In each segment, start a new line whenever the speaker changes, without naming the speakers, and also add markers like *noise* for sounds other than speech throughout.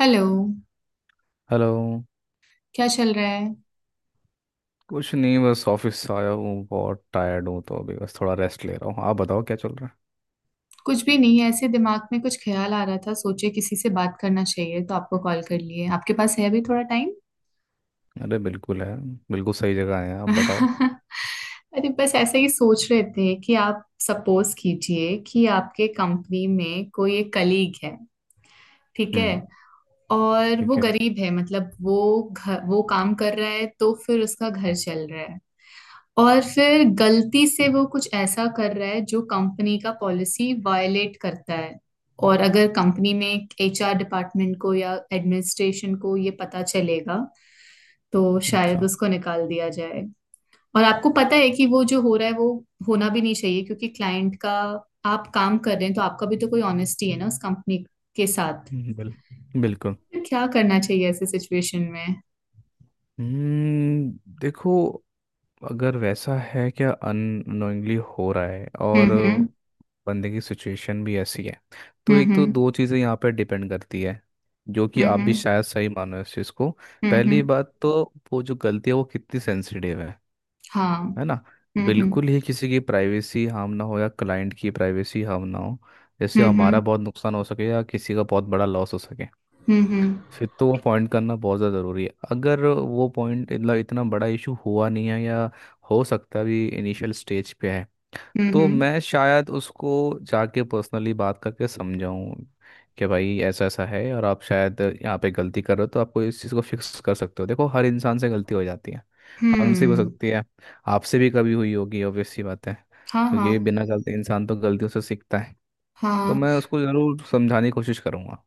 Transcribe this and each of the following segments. Hello.
Hello.
क्या चल रहा है?
कुछ नहीं, बस ऑफिस से आया हूँ, बहुत टायर्ड हूँ, तो अभी बस थोड़ा रेस्ट ले रहा हूँ। आप बताओ क्या चल रहा
कुछ भी नहीं है, ऐसे दिमाग में कुछ ख्याल आ रहा था, सोचे किसी से बात करना चाहिए तो आपको कॉल कर लिए। आपके पास है अभी थोड़ा टाइम?
है। अरे बिल्कुल है। बिल्कुल सही जगह है, आप बताओ।
*laughs* अरे बस ऐसे ही सोच रहे थे कि आप सपोज कीजिए कि आपके कंपनी में कोई एक कलीग है। ठीक है।
हम्म।
और वो
ठीक है।
गरीब है, मतलब वो घर वो काम कर रहा है तो फिर उसका घर चल रहा है। और फिर गलती से वो कुछ ऐसा कर रहा है जो कंपनी का पॉलिसी वायलेट करता है। और अगर कंपनी में एचआर डिपार्टमेंट को या एडमिनिस्ट्रेशन को ये पता चलेगा तो शायद
अच्छा।
उसको निकाल दिया जाए। और आपको पता है कि वो जो हो रहा है वो होना भी नहीं चाहिए, क्योंकि क्लाइंट का आप काम कर रहे हैं तो आपका भी तो कोई ऑनेस्टी है ना उस कंपनी के साथ।
हम्म, बिल बिल्कुल।
फिर क्या करना चाहिए ऐसे सिचुएशन में?
हम्म। देखो, अगर वैसा है, क्या अननोइंगली हो रहा है, और
हम्म। हम्म।
बंदे की सिचुएशन भी ऐसी है, तो एक
हम्म।
तो दो चीज़ें यहाँ पर डिपेंड करती है, जो कि
हम्म।
आप भी
हम्म।
शायद सही मानो इस चीज़ को।
हम्म।
पहली
हम्म।
बात तो, वो जो गलती है वो कितनी सेंसिटिव है
हाँ।
है ना।
हम्म। हम्म।
बिल्कुल ही किसी की प्राइवेसी हार्म ना हो या क्लाइंट की प्राइवेसी हार्म ना हो, जैसे
हम्म।
हमारा
हम्म।
बहुत नुकसान हो सके या किसी का बहुत बड़ा लॉस हो सके,
हम्म।
फिर तो वो पॉइंट करना बहुत ज़्यादा ज़रूरी है। अगर वो पॉइंट मतलब इतना बड़ा इशू हुआ नहीं है, या हो सकता है अभी इनिशियल स्टेज पे है, तो
हम्म।
मैं शायद उसको जाके पर्सनली बात करके समझाऊं कि भाई ऐसा ऐसा है और आप शायद यहाँ पे गलती कर रहे हो, तो आपको इस चीज़ को फिक्स कर सकते हो। देखो हर इंसान से गलती हो जाती है, हमसे भी हो
हम्म।
सकती है, आपसे भी कभी हुई होगी, ऑब्वियस सी बात है,
हाँ। हाँ।
क्योंकि बिना गलती इंसान तो गलतियों से सीखता है। तो
हाँ।
मैं उसको ज़रूर समझाने की कोशिश करूँगा।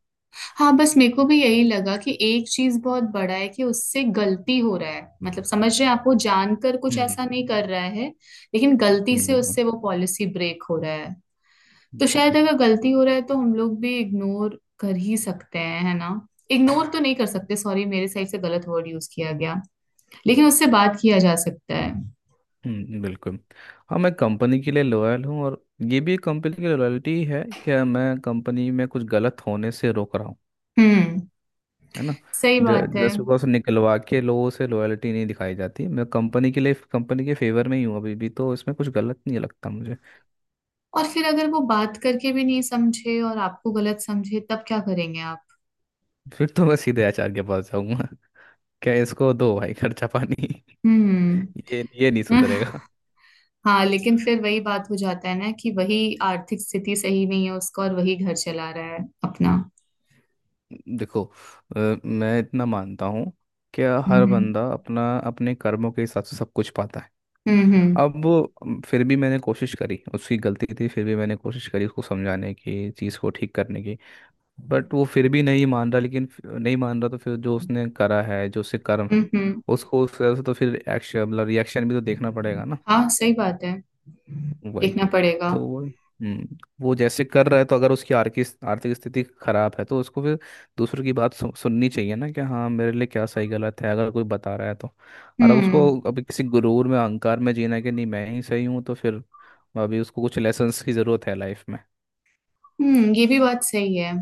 हाँ, बस मेरे को भी यही लगा कि एक चीज बहुत बड़ा है कि उससे गलती हो रहा है, मतलब समझ रहे हैं आप, वो जानकर कुछ ऐसा
हम्म।
नहीं कर रहा है। लेकिन गलती से
बिल्कुल।
उससे वो पॉलिसी ब्रेक हो रहा है। तो
बिल्कुल।
शायद अगर गलती हो रहा है तो हम लोग भी इग्नोर कर ही सकते हैं, है ना। इग्नोर तो नहीं कर सकते, सॉरी मेरे साइड से गलत वर्ड यूज किया गया। लेकिन उससे बात किया जा सकता है।
बिल्कुल। हाँ, मैं कंपनी के लिए लॉयल हूँ, और ये भी कंपनी की लॉयल्टी है कि मैं कंपनी में कुछ गलत होने से रोक रहा हूँ,
हम्म।
है ना।
सही बात है।
जस्ट बिकॉज निकलवा के लोगों से लॉयल्टी नहीं दिखाई जाती, मैं कंपनी के लिए, कंपनी के फेवर में ही हूँ अभी भी, तो इसमें कुछ गलत नहीं लगता मुझे।
और फिर अगर वो बात करके भी नहीं समझे और आपको गलत समझे तब क्या करेंगे आप?
फिर तो मैं सीधे आचार्य के पास जाऊंगा। *laughs* क्या इसको दो भाई खर्चा पानी। *laughs*
हम्म।
ये नहीं
*laughs*
सुधरेगा।
हाँ लेकिन फिर वही बात हो जाता है ना, कि वही आर्थिक स्थिति सही नहीं है उसका और वही घर चला रहा है अपना।
देखो, अ, मैं इतना मानता हूँ, क्या हर
हम्म।
बंदा अपना अपने कर्मों के हिसाब से सब कुछ पाता है।
हम्म। हम्म।
अब वो, फिर भी मैंने कोशिश करी, उसकी गलती थी, फिर भी मैंने कोशिश करी उसको समझाने की, चीज़ को ठीक करने की। बट वो फिर भी नहीं मान रहा, लेकिन नहीं मान रहा, तो फिर जो उसने करा है, जो उसके कर्म है,
हम्म।
उसको उस तरह से, तो फिर एक्शन मतलब रिएक्शन भी तो देखना पड़ेगा ना।
हाँ सही बात है।
वही।
देखना पड़ेगा।
तो वो, हम्म, वो जैसे कर रहा है, तो अगर उसकी आर्थिक आर्थिक स्थिति खराब है, तो उसको फिर दूसरों की बात सुननी चाहिए ना, कि हाँ मेरे लिए क्या सही गलत है अगर कोई बता रहा है तो। और अगर
हम्म।
उसको अभी किसी गुरूर में, अहंकार में जीना है कि नहीं मैं ही सही हूँ, तो फिर अभी उसको कुछ लेसन्स की ज़रूरत है लाइफ में।
हम्म। ये भी बात सही है।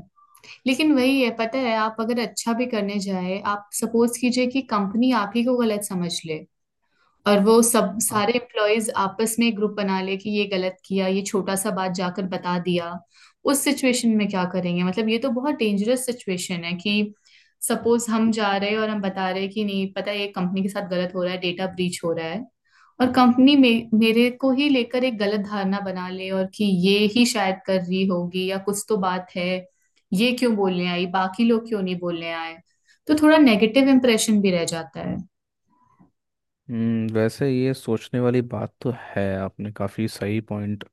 लेकिन वही है पता है, आप अगर अच्छा भी करने जाए, आप सपोज कीजिए कि कंपनी आप ही को गलत समझ ले। और वो सब सारे एम्प्लॉयज आपस में ग्रुप बना ले कि ये गलत किया, ये छोटा सा बात जाकर बता दिया। उस सिचुएशन में क्या करेंगे? मतलब ये तो बहुत डेंजरस सिचुएशन है कि सपोज हम जा रहे हैं और हम बता रहे हैं कि नहीं, पता है ये कंपनी के साथ गलत हो रहा है, डेटा ब्रीच हो रहा है। और कंपनी में मेरे को ही लेकर एक गलत धारणा बना ले, और कि ये ही शायद कर रही होगी या कुछ तो बात है। ये क्यों बोलने आई, बाकी लोग क्यों नहीं बोलने आए? तो थोड़ा नेगेटिव इम्प्रेशन भी रह जाता है।
वैसे ये सोचने वाली बात तो है, आपने काफ़ी सही पॉइंट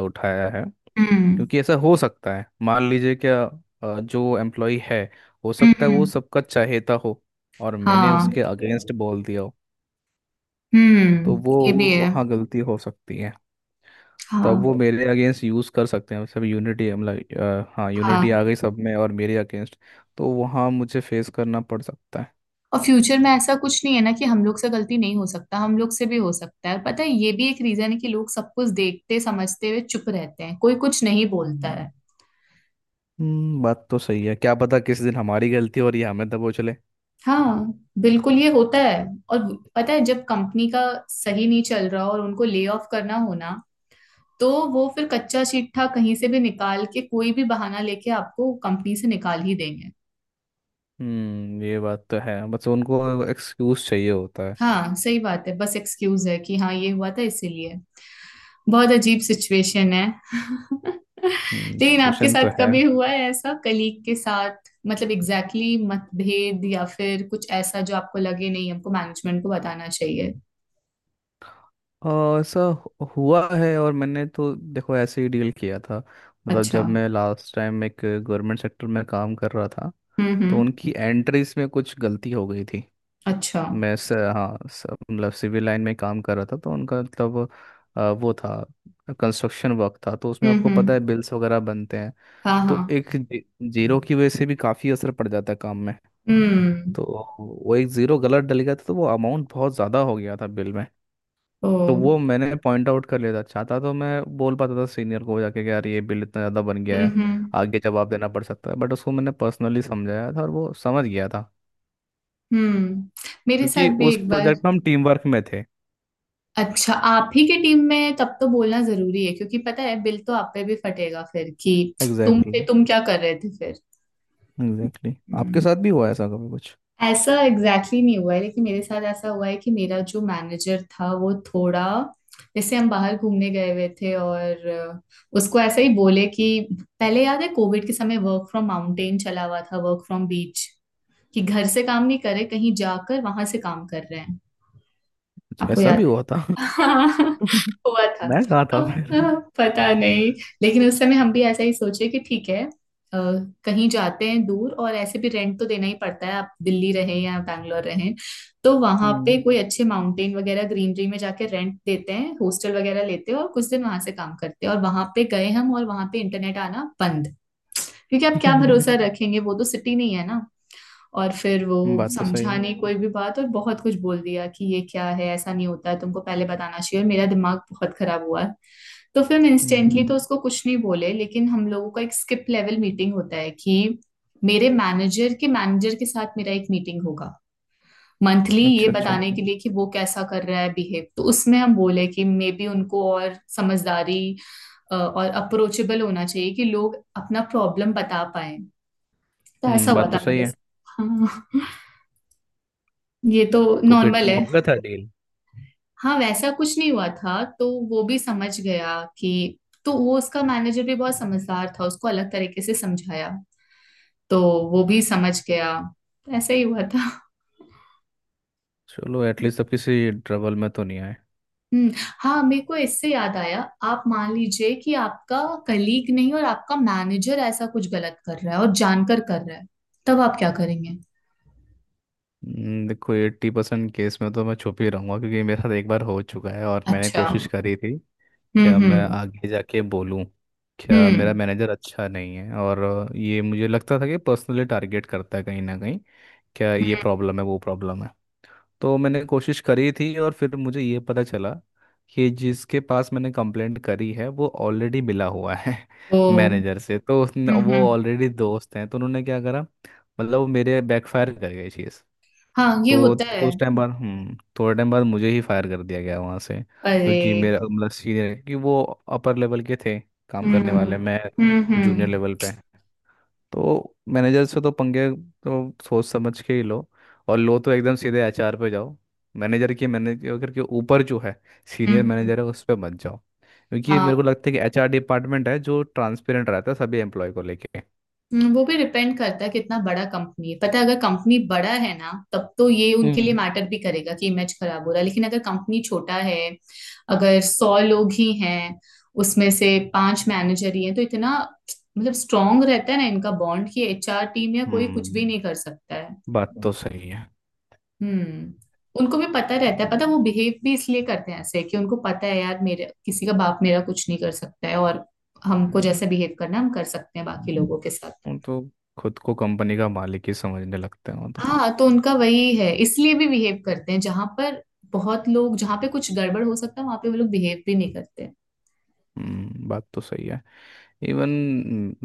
उठाया है।
हम्म।
क्योंकि ऐसा हो सकता है, मान लीजिए क्या, जो एम्प्लॉय है, हो सकता है वो
हम्म।
सबका चाहेता हो और मैंने
हाँ।
उसके अगेंस्ट बोल दिया हो, तो
हम्म।
वो
ये भी है।
वहाँ गलती हो सकती है। तब वो
हाँ।
मेरे अगेंस्ट यूज़ कर सकते हैं, सब यूनिटी मतलब हाँ, यूनिटी
हाँ।
आ गई सब में और मेरे अगेंस्ट, तो वहाँ मुझे फेस करना पड़ सकता है।
और फ्यूचर में ऐसा कुछ नहीं है ना कि हम लोग से गलती नहीं हो सकता, हम लोग से भी हो सकता है। पता है ये भी एक रीजन है कि लोग सब कुछ देखते समझते हुए चुप रहते हैं, कोई कुछ नहीं बोलता
हम्म।
है।
बात तो सही है, क्या पता किस दिन हमारी गलती हो और ये हमें दबोच ले।
हाँ। बिल्कुल ये होता है। और पता है जब कंपनी का सही नहीं चल रहा और उनको ले ऑफ करना होना, तो वो फिर कच्चा चिट्ठा कहीं से भी निकाल के कोई भी बहाना लेके आपको कंपनी से निकाल ही देंगे।
हम्म, ये बात तो है, बस उनको एक्सक्यूज चाहिए होता है।
हाँ सही बात है, बस एक्सक्यूज है कि हाँ ये हुआ था इसीलिए। बहुत अजीब सिचुएशन है। *laughs*
हम्म,
लेकिन आपके
सिचुएशन तो
साथ
है।
कभी हुआ है ऐसा कलीग के साथ, मतलब एग्जैक्टली exactly मतभेद या फिर कुछ ऐसा जो आपको लगे नहीं हमको मैनेजमेंट को बताना चाहिए?
और ऐसा हुआ है, और मैंने तो देखो ऐसे ही डील किया था, मतलब
अच्छा।
जब मैं लास्ट टाइम एक गवर्नमेंट सेक्टर में काम कर रहा था,
हम्म।
तो
हम्म।
उनकी एंट्रीज में कुछ गलती हो गई थी।
अच्छा।
मैं हाँ, मतलब सिविल लाइन में काम कर रहा था, तो उनका मतलब वो था, कंस्ट्रक्शन वर्क था, तो उसमें
हम्म।
आपको पता है
हम्म।
बिल्स वगैरह बनते हैं।
हाँ।
तो
हाँ।
एक जीरो की वजह से भी काफ़ी असर पड़ जाता है काम में।
हम्म।
तो वो एक ज़ीरो गलत डल गया था, तो वो अमाउंट बहुत ज़्यादा हो गया था बिल में।
ओ।
तो वो मैंने पॉइंट आउट कर लिया था, चाहता तो मैं बोल पाता था सीनियर को जाके कि यार ये बिल इतना ज़्यादा बन गया
हम्म।
है,
हम्म।
आगे जवाब देना पड़ सकता है, बट उसको मैंने पर्सनली समझाया था और वो समझ गया था,
हम्म। मेरे
क्योंकि
साथ भी
उस
एक बार।
प्रोजेक्ट में हम टीम वर्क में थे।
अच्छा आप ही की टीम में है, तब तो बोलना जरूरी है क्योंकि पता है बिल तो आप पे भी फटेगा फिर कि तुम
एग्जैक्टली
पे
exactly,
तुम क्या कर रहे थे फिर।
Exactly exactly. आपके साथ भी हुआ ऐसा कभी कुछ।
ऐसा एग्जैक्टली exactly नहीं हुआ है लेकिन मेरे साथ ऐसा हुआ है कि मेरा जो मैनेजर था वो थोड़ा, जैसे हम बाहर घूमने गए हुए थे और उसको ऐसा ही बोले कि पहले याद है कोविड के समय वर्क फ्रॉम माउंटेन चला हुआ था, वर्क फ्रॉम बीच, कि घर से काम नहीं करे कहीं जाकर वहां से काम कर रहे हैं।
अच्छा,
आपको
ऐसा
याद?
भी हुआ था।
*laughs*
*laughs*
हाँ हुआ था।
मैं कहा था
तो
फिर।
पता नहीं। लेकिन उस समय हम भी ऐसा ही सोचे कि ठीक है, कहीं जाते हैं दूर और ऐसे भी रेंट तो देना ही पड़ता है, आप दिल्ली रहें या बैंगलोर रहें। तो वहां पे
हम्म।
कोई अच्छे माउंटेन वगैरह ग्रीनरी में जाके रेंट देते हैं, हॉस्टल वगैरह लेते हैं और कुछ दिन वहां से काम करते हैं। और वहां पे गए हम और वहां पे इंटरनेट आना बंद। क्योंकि आप क्या भरोसा रखेंगे, वो तो सिटी नहीं है ना। और फिर
*laughs*
वो
बात तो सही
समझा
है।
नहीं कोई भी बात और बहुत कुछ बोल दिया कि ये क्या है, ऐसा नहीं होता है, तुमको पहले बताना चाहिए। और मेरा दिमाग बहुत खराब हुआ है। तो फिर हम
हम्म।
इंस्टेंटली तो उसको कुछ नहीं बोले, लेकिन हम लोगों का एक स्किप लेवल मीटिंग होता है कि मेरे मैनेजर के साथ मेरा एक मीटिंग होगा मंथली, ये
अच्छा अच्छा।
बताने के लिए कि वो कैसा कर रहा है बिहेव। तो उसमें हम बोले कि मे बी उनको और समझदारी और अप्रोचेबल होना चाहिए कि लोग अपना प्रॉब्लम बता पाए। तो ऐसा
हम्म,
हुआ
बात
था
तो सही
मेरे
है।
साथ। हाँ ये तो
तो फिर
नॉर्मल
हो
है।
गया था डील।
हाँ वैसा कुछ नहीं हुआ था तो वो भी समझ गया कि। तो वो उसका मैनेजर भी बहुत समझदार था, उसको अलग तरीके से समझाया। तो वो भी समझ गया। ऐसा ही हुआ था।
चलो एटलीस्ट अब किसी ट्रबल में तो नहीं आए।
हम्म। हाँ मेरे को इससे याद आया, आप मान लीजिए कि आपका कलीग नहीं और आपका मैनेजर ऐसा कुछ गलत कर रहा है और जानकर कर रहा है, तब आप क्या करेंगे?
देखो, 80% केस में तो मैं छुप ही रहूंगा, क्योंकि मेरे साथ एक बार हो चुका है और मैंने
अच्छा।
कोशिश करी थी,
हम्म।
क्या मैं
हम्म।
आगे जाके बोलूं, क्या मेरा
हम्म।
मैनेजर अच्छा नहीं है, और ये मुझे लगता था कि पर्सनली टारगेट करता है कहीं ना कहीं, क्या ये
हम्म।
प्रॉब्लम है वो प्रॉब्लम है, तो मैंने कोशिश करी थी, और फिर मुझे ये पता चला कि जिसके पास मैंने कंप्लेंट करी है वो ऑलरेडी मिला हुआ है।
ओ।
*laughs* मैनेजर से, तो उसने
हम्म।
वो
हम्म।
ऑलरेडी दोस्त हैं, तो उन्होंने क्या करा, मतलब वो मेरे बैकफायर कर गई चीज़।
हाँ ये
तो
होता है।
कुछ टाइम बाद, हम्म, थोड़े टाइम बाद मुझे ही फायर कर दिया गया वहाँ से,
अरे।
क्योंकि मेरा मतलब सीनियर, क्योंकि वो अपर लेवल के थे, काम करने वाले
हम्म।
मैं
हम्म।
जूनियर
हम्म।
लेवल पे। तो मैनेजर से तो पंगे तो सोच समझ के ही लो, और लो तो एकदम सीधे एचआर पे जाओ, मैनेजर के ऊपर जो है
हम्म।
सीनियर
हम्म।
मैनेजर, है उस पर मत जाओ, क्योंकि
हाँ।
मेरे को लगता है कि एचआर डिपार्टमेंट है जो ट्रांसपेरेंट रहता है सभी एम्प्लॉय को लेके।
हम्म। वो भी डिपेंड करता है कितना बड़ा कंपनी है, पता है अगर कंपनी बड़ा है ना तब तो ये उनके लिए
हम्म।
मैटर भी करेगा कि इमेज खराब हो रहा है, लेकिन अगर कंपनी छोटा है, अगर 100 लोग ही हैं, उसमें से पांच मैनेजर ही हैं तो इतना, मतलब स्ट्रांग रहता है ना इनका बॉन्ड कि एचआर टीम या कोई कुछ भी
हम्म,
नहीं कर सकता है।
बात तो सही है।
हम्म। उनको भी पता रहता है
हम्म,
पता है, वो बिहेव भी इसलिए करते हैं ऐसे कि उनको पता है यार, मेरे किसी का बाप मेरा कुछ नहीं कर सकता है, और
हम्म।
हमको जैसे बिहेव करना है, हम कर सकते हैं बाकी लोगों के साथ।
वो तो खुद को कंपनी का मालिक ही समझने लगते हैं वो तो।
हाँ तो उनका वही है, इसलिए भी बिहेव करते हैं जहां पर बहुत लोग, जहां पे कुछ गड़बड़ हो सकता है वहां पे वो लोग बिहेव भी नहीं करते।
बात तो सही है। इवन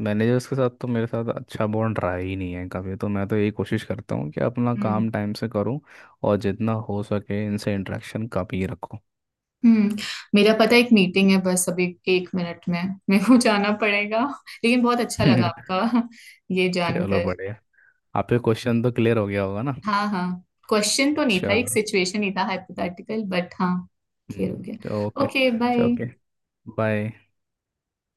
मैनेजर्स के साथ तो मेरे साथ अच्छा बॉन्ड रहा ही नहीं है कभी, तो मैं तो यही कोशिश करता हूँ कि अपना
हम्म।
काम टाइम से करूँ, और जितना हो सके इनसे इंटरेक्शन कम ही रखूँ।
हम्म। मेरा पता है एक मीटिंग है बस अभी एक मिनट में, मेरे को जाना पड़ेगा। लेकिन बहुत अच्छा लगा
*laughs*
आपका ये
चलो
जानकर।
बढ़िया, आपके क्वेश्चन तो क्लियर हो गया होगा ना।
हाँ हाँ। क्वेश्चन तो नहीं था, एक
चलो,
सिचुएशन ही था हाइपोथेटिकल, बट हाँ क्लियर हो गया।
Okay.
Okay
okay,
bye.
Bye.